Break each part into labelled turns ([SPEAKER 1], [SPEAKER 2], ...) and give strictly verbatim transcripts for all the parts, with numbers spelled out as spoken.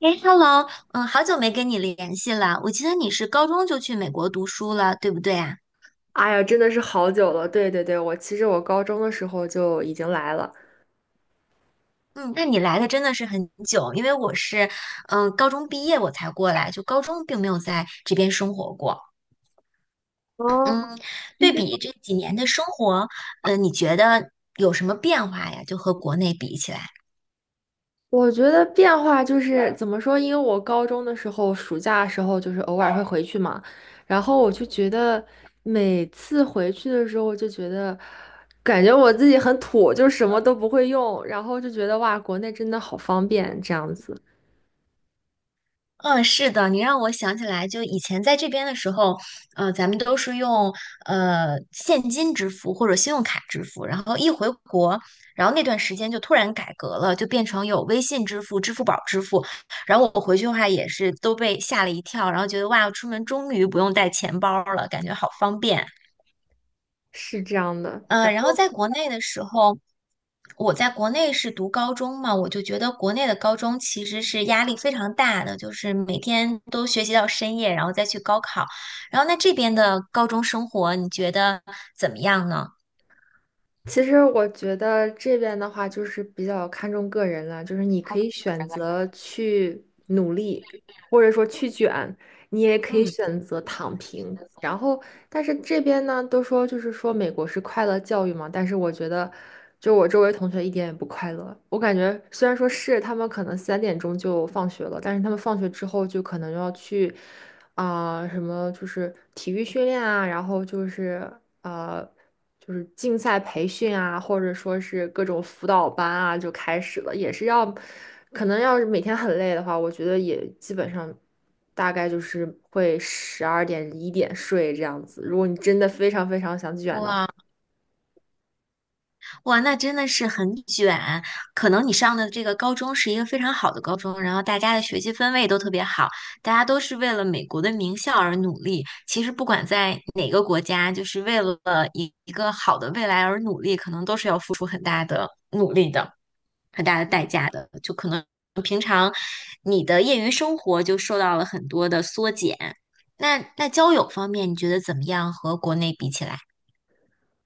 [SPEAKER 1] 哎，Hello，嗯，好久没跟你联系了。我记得你是高中就去美国读书了，对不对啊？
[SPEAKER 2] 哎呀，真的是好久了。对对对，我其实我高中的时候就已经来了。
[SPEAKER 1] 嗯，那你来的真的是很久，因为我是，嗯，高中毕业我才过来，就高中并没有在这边生活过。
[SPEAKER 2] 哦，
[SPEAKER 1] 嗯，对比这几年的生活，嗯，你觉得有什么变化呀？就和国内比起来。
[SPEAKER 2] 我觉得变化就是怎么说？因为我高中的时候，暑假的时候就是偶尔会回去嘛，然后我就觉得每次回去的时候，我就觉得感觉我自己很土，就什么都不会用，然后就觉得哇，国内真的好方便，这样子
[SPEAKER 1] 嗯，是的，你让我想起来，就以前在这边的时候，呃，咱们都是用呃现金支付或者信用卡支付，然后一回国，然后那段时间就突然改革了，就变成有微信支付、支付宝支付，然后我回去的话也是都被吓了一跳，然后觉得哇，出门终于不用带钱包了，感觉好方便。
[SPEAKER 2] 是这样的。
[SPEAKER 1] 呃，然后在国内的时候，我在国内是读高中嘛，我就觉得国内的高中其实是压力非常大的，就是每天都学习到深夜，然后再去高考。然后那这边的高中生活，你觉得怎么样呢？
[SPEAKER 2] 其实我觉得这边的话，就是比较看重个人了，就是你可以选择去努力，或者说去卷，你也可以
[SPEAKER 1] 嗯，
[SPEAKER 2] 选择躺平。然后，但是这边呢，都说就是说美国是快乐教育嘛，但是我觉得，就我周围同学一点也不快乐。我感觉虽然说是他们可能三点钟就放学了，但是他们放学之后就可能要去啊、什么就是体育训练啊，然后就是呃就是竞赛培训啊，或者说是各种辅导班啊就开始了，也是要可能要是每天很累的话，我觉得也基本上。大概就是会十二点一点睡这样子。如果你真的非常非常想卷的
[SPEAKER 1] 哇。哇，那真的是很卷。可能你上的这个高中是一个非常好的高中，然后大家的学习氛围都特别好，大家都是为了美国的名校而努力。其实不管在哪个国家，就是为了一一个好的未来而努力，可能都是要付出很大的努力的。很大的代价的，就可能你的业余生活就受到了很多的缩减。那那交友方面，你觉得怎么样？和国内比起来？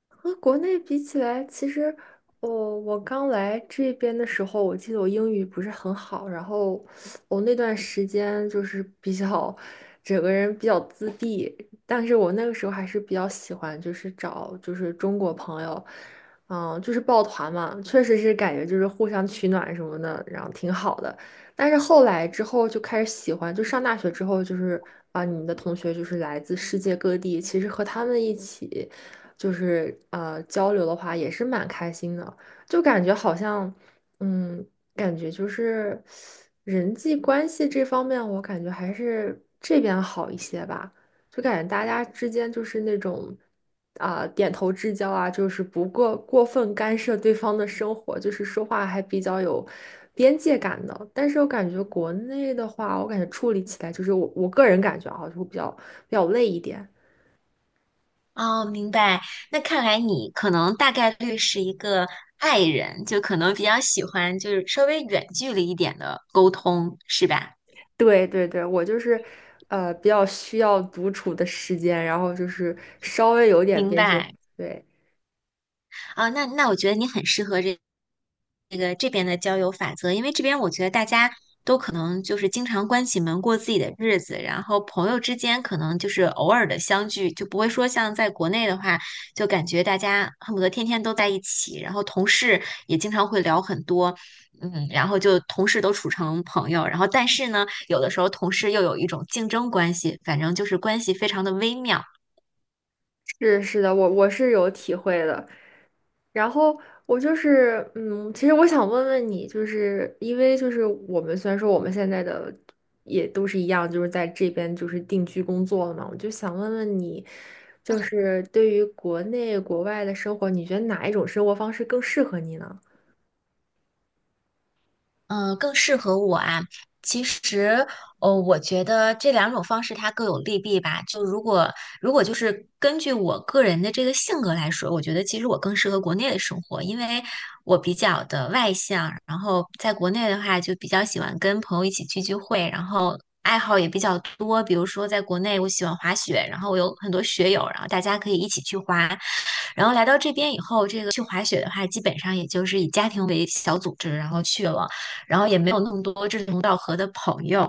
[SPEAKER 2] 和国内比起来，其实我我刚来这边的时候，我记得我英语不是很好，然后我那段时间就是比较整个人比较自闭，但是我那个时候还是比较喜欢，就是找就是中国朋友，嗯，就是抱团嘛，确实是感觉就是互相取暖什么的，然后挺好的。但是后来之后就开始喜欢，就上大学之后就是啊，你的同学就是来自世界各地，其实和他们一起。就是呃交流的话，也是蛮开心的，就感觉好像，嗯，感觉就是人际关系这方面，我感觉还是这边好一些吧，就感觉大家之间就是那种啊、点头之交啊，就是不过过分干涉对方的生活，就是说话还比较有。边界感的，但是我感觉国内的话，我感觉处理起来就是我我个人感觉啊，就会比较比较累一点。
[SPEAKER 1] 哦，明白。那看来你可能大概率是一个 i 人，就可能比较喜欢就是稍微远距离一点的沟通，是吧？
[SPEAKER 2] 对对对，我就是，呃，比较需要独处的时间，然后就是稍微有点
[SPEAKER 1] 明
[SPEAKER 2] 边界。
[SPEAKER 1] 白。
[SPEAKER 2] 对，
[SPEAKER 1] 啊，那那我觉得你很适合这这个这边的交友法则，因为这边我觉得大家都可能就是经常关起门过自己的日子，然后朋友之间可能就是偶尔的相聚，就不会说像在国内的话，就感觉大家恨不得天天都在一起，然后同事也经常会聊很多，嗯，然后就同事都处成朋友，然后但是呢，有的时候同事又有一种竞争关系，反正就是关系非常的微妙。
[SPEAKER 2] 是是的，我我是有体会的。然后我就是，嗯，其实我想问问你，就是因为就是我们虽然说我们现在的也都是一样，就是在这边就是定居工作了嘛，我就想问问你，就是对于国内国外的生活，你觉得哪一种生活方式更适合你呢？
[SPEAKER 1] 嗯，呃更适合我啊。其实，哦，我觉得这两种方式它各有利弊吧。就如果如果就是根据我个人的这个性格来说，我觉得其实我更适合国内的生活，因为我比较的外向，然后在国内的话就比较喜欢跟朋友一起聚聚会，然后爱好也比较多。比如说在国内，我喜欢滑雪，然后我有很多雪友，然后大家可以一起去滑。然后来到这边以后，这个去滑雪的话，基本上也就是以家庭为小组织，然后去了。然后也没有那么多志同道合的朋友。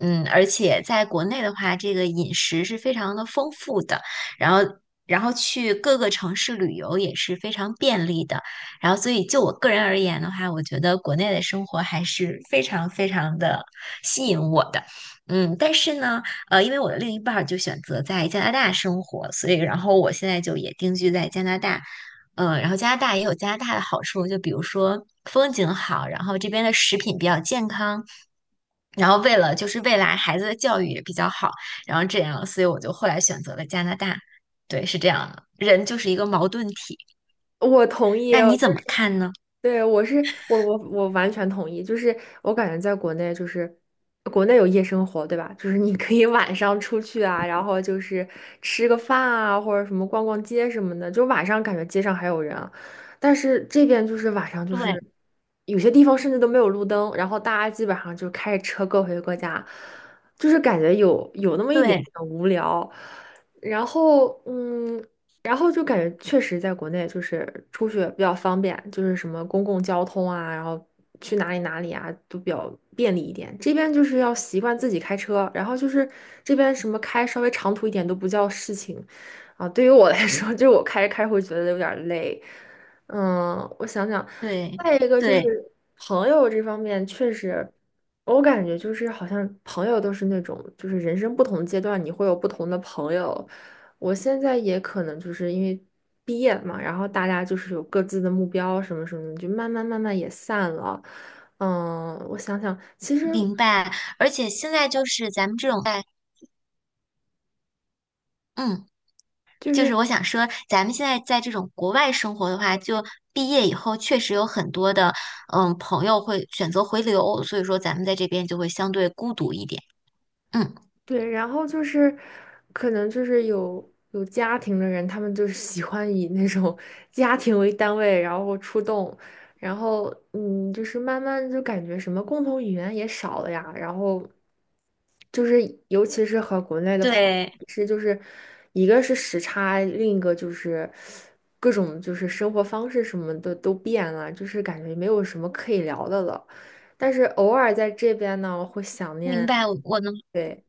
[SPEAKER 1] 嗯，而且在国内的话，这个饮食是非常的丰富的，然后然后去各个城市旅游也是非常便利的。然后，所以就我个人而言的话，我觉得国内的生活还是非常非常的吸引我的。嗯，但是呢，呃，因为我的另一半儿就选择在加拿大生活，所以然后我现在就也定居在加拿大。嗯，然后加拿大也有加拿大的好处，就比如说风景好，然后这边的食品比较健康，然后为了就是未来孩子的教育也比较好，然后这样，所以我就后来选择了加拿大。对，是这样的，人就是一个矛盾体。
[SPEAKER 2] 我同意，
[SPEAKER 1] 那你
[SPEAKER 2] 就
[SPEAKER 1] 怎么
[SPEAKER 2] 是
[SPEAKER 1] 看呢？
[SPEAKER 2] 对，我是我我我完全同意，就是我感觉在国内就是国内有夜生活，对吧？就是你可以 晚上出去啊，然后就是吃个饭啊，或者什么逛逛街什么的，就晚上感觉街上还有人啊但是这边就是晚上就
[SPEAKER 1] 对
[SPEAKER 2] 是有些地方甚至都没有路灯，然后大家基本上就开着车各回各家，就是感觉有有那么一点
[SPEAKER 1] 对
[SPEAKER 2] 点无聊。然后，嗯，然后就感觉确实在国内就是出去比较方便，就是什么公共交通啊，然后去哪里哪里啊都比较便利一点。这边就是要习惯自己开车，然后就是这边什么开稍微长途一点都不叫事情啊。对于我来说，就是我开着开着会觉得有点儿累。嗯，我想想，
[SPEAKER 1] 对
[SPEAKER 2] 再一个就是
[SPEAKER 1] 对，
[SPEAKER 2] 朋友这方面，确实我感觉就是好像朋友都是那种就是人生不同阶段你会有不同的朋友。我现在也可能就是因为毕业嘛，然后大家就是有各自的目标什么什么，就慢慢慢慢也散了。嗯，我想想，其实
[SPEAKER 1] 明白。而且现在就是咱们这种在，嗯。
[SPEAKER 2] 就
[SPEAKER 1] 就是
[SPEAKER 2] 是
[SPEAKER 1] 我想说，咱们现在在这种国外生活的话，就毕业以后确实有很多的，嗯，朋友会选择回流，所以说咱们在这边就会相对孤独一点。嗯，
[SPEAKER 2] 对，然后就是可能就是有有家庭的人，他们就是喜欢以那种 家庭为单位，然后出动，然后嗯，就是慢慢就感觉什么共同语言也少了呀，然后。就是尤其是和国内的朋友
[SPEAKER 1] 对，
[SPEAKER 2] 是，就是一个是时差，另一个就是各种就是生活方式什么的都变了，就是感觉没有什么可以聊的了。但是偶尔在这边呢，会想
[SPEAKER 1] 明
[SPEAKER 2] 念，
[SPEAKER 1] 白，我我能，
[SPEAKER 2] 对，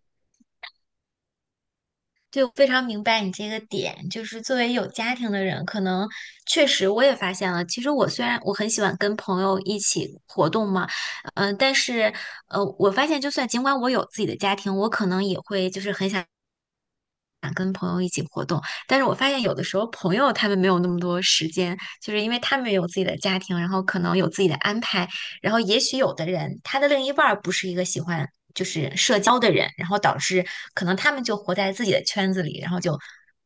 [SPEAKER 1] 就非常明白你这个点。就是作为有家庭的人，可能确实我也发现了，其实我虽然我很喜欢跟朋友一起活动嘛，嗯、但是呃，我发现就算尽管我有自己的家庭，我可能也会就是很想。但是我发现有的时候朋友他们没有那么多时间，就是因为他们也有自己的家庭，然后可能有自己的安排，然后也许有的人他的另一半儿不是一个喜欢就是社交的人，然后导致可能他们就活在自己的圈子里，然后就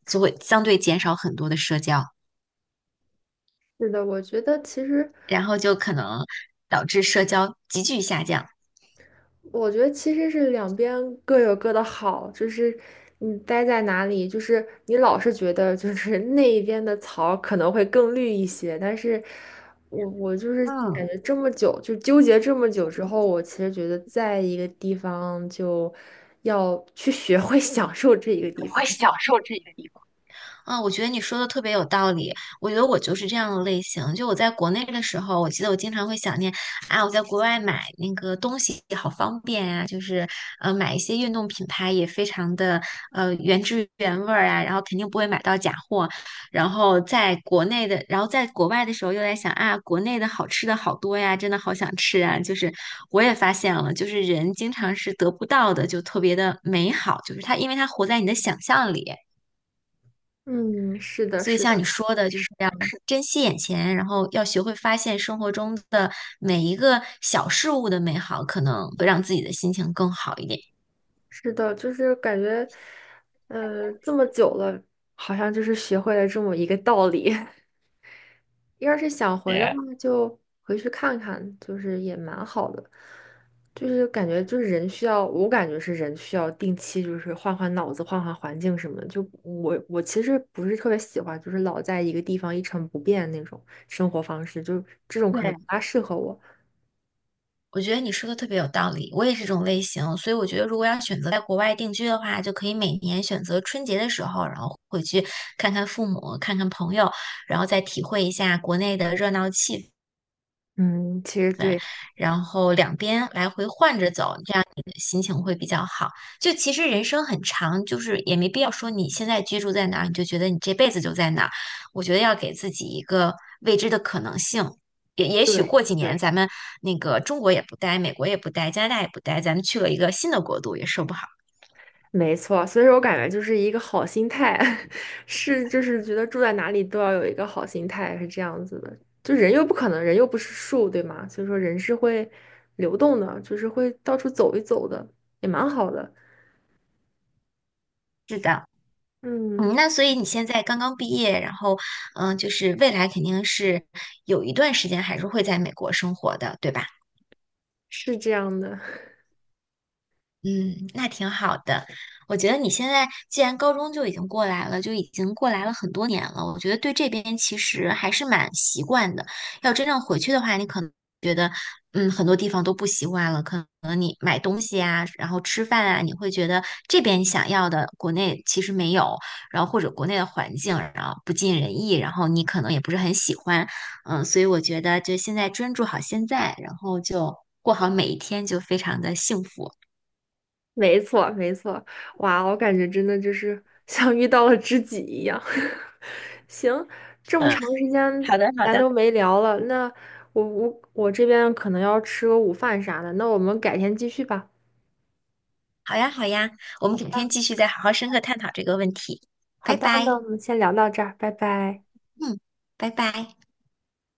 [SPEAKER 1] 就会相对减少很多的社交，
[SPEAKER 2] 是的，我觉得其实。
[SPEAKER 1] 然后就可能导致社交急剧下降。
[SPEAKER 2] 我觉得其实是两边各有各的好，就是你待在哪里，就是你老是觉得就是那一边的草可能会更绿一些，但是我我就是感
[SPEAKER 1] 嗯。
[SPEAKER 2] 觉这么久就纠结这么久之后，我其实觉得在一个地方就要去学会 享受这一个地方。
[SPEAKER 1] 啊，我觉得你说的特别有道理。我觉得我就是这样的类型。就我在国内的时候，我记得我经常会想念啊，我在国外买那个东西好方便啊，就是呃买一些运动品牌也非常的呃原汁原味儿啊，然后肯定不会买到假货。然后在国内的，然后在国外的时候又在想啊，国内的好吃的好多呀，真的好想吃啊。就是我也发现了，就是人经常是得不到的，就特别的美好，就是它因为它活在你的想象里。
[SPEAKER 2] 嗯，是的，
[SPEAKER 1] 所以
[SPEAKER 2] 是
[SPEAKER 1] 像你
[SPEAKER 2] 的，
[SPEAKER 1] 说的，就是要是珍惜眼前，然后要学会发现生活中的每一个小事物的美好，可能会让自己的心情更好一点。
[SPEAKER 2] 是的，就是感觉，呃，这么久了，好像就是学会了这么一个道理。要是想回的话，就回去看看，就是也蛮好的。就是感觉就是人需要，我感觉是人需要定期就是换换脑子、换换环境什么的。就我我其实不是特别喜欢，就是老在一个地方一成不变那种生活方式，就这种可能
[SPEAKER 1] 对，
[SPEAKER 2] 不大适合我。
[SPEAKER 1] 我觉得你说的特别有道理，我也是这种类型，所以我觉得如果要选择在国外定居的话，就可以每年选择春节的时候，然后回去看看父母，看看朋友，然后再体会一下国内的热闹气氛。
[SPEAKER 2] 嗯，其实
[SPEAKER 1] 分，
[SPEAKER 2] 对
[SPEAKER 1] 然后两边来回换着走，这样你的心情会比较好。就其实人生很长，就是也没必要说你现在居住在哪儿，你就觉得你这辈子就在哪儿。我觉得要给自己一个未知的可能性。也也许
[SPEAKER 2] 对
[SPEAKER 1] 过几年
[SPEAKER 2] 对。
[SPEAKER 1] 咱们那个中国也不待，美国也不待，加拿大也不待，咱们去了一个新的国度也说不好。
[SPEAKER 2] 没错，所以说我感觉就是一个好心态，是就是觉得住在哪里都要有一个好心态，是这样子的。就人又不可能，人又不是树，对吗？所以说人是会流动的，就是会到处走一走的，也蛮好的。
[SPEAKER 1] 是的，
[SPEAKER 2] 嗯，
[SPEAKER 1] 嗯，那所以你现在刚刚毕业，然后嗯，就是未来肯定是有一段时间还是会在美国生活的，对吧？
[SPEAKER 2] 是这样的。
[SPEAKER 1] 嗯，那挺好的。我觉得你现在既然高中就已经过来了，就已经过来了很多年了，我觉得对这边其实还是蛮习惯的。要真正回去的话，你可能觉得，嗯，很多地方都不习惯了。可能你买东西啊，然后吃饭啊，你会觉得这边你想要的国内其实没有，然后或者国内的环境然后不尽人意，然后你可能也不是很喜欢。嗯，所以我觉得就现在专注好现在，然后就过好每一天，就非常的幸福。
[SPEAKER 2] 没错，没错，哇，我感觉真的就是 像遇到了知己一样。行，这么长时间
[SPEAKER 1] 好的，好
[SPEAKER 2] 咱
[SPEAKER 1] 的，
[SPEAKER 2] 都没聊了，那我我我这边可能要吃个午饭啥的，那我们改天继续吧。
[SPEAKER 1] 好呀，好呀，我
[SPEAKER 2] 好
[SPEAKER 1] 们改天
[SPEAKER 2] 的，
[SPEAKER 1] 继续再好好深刻探讨这个问题。
[SPEAKER 2] 好
[SPEAKER 1] 拜
[SPEAKER 2] 的，那
[SPEAKER 1] 拜，
[SPEAKER 2] 我们先聊到这儿，拜拜。
[SPEAKER 1] 嗯，拜拜。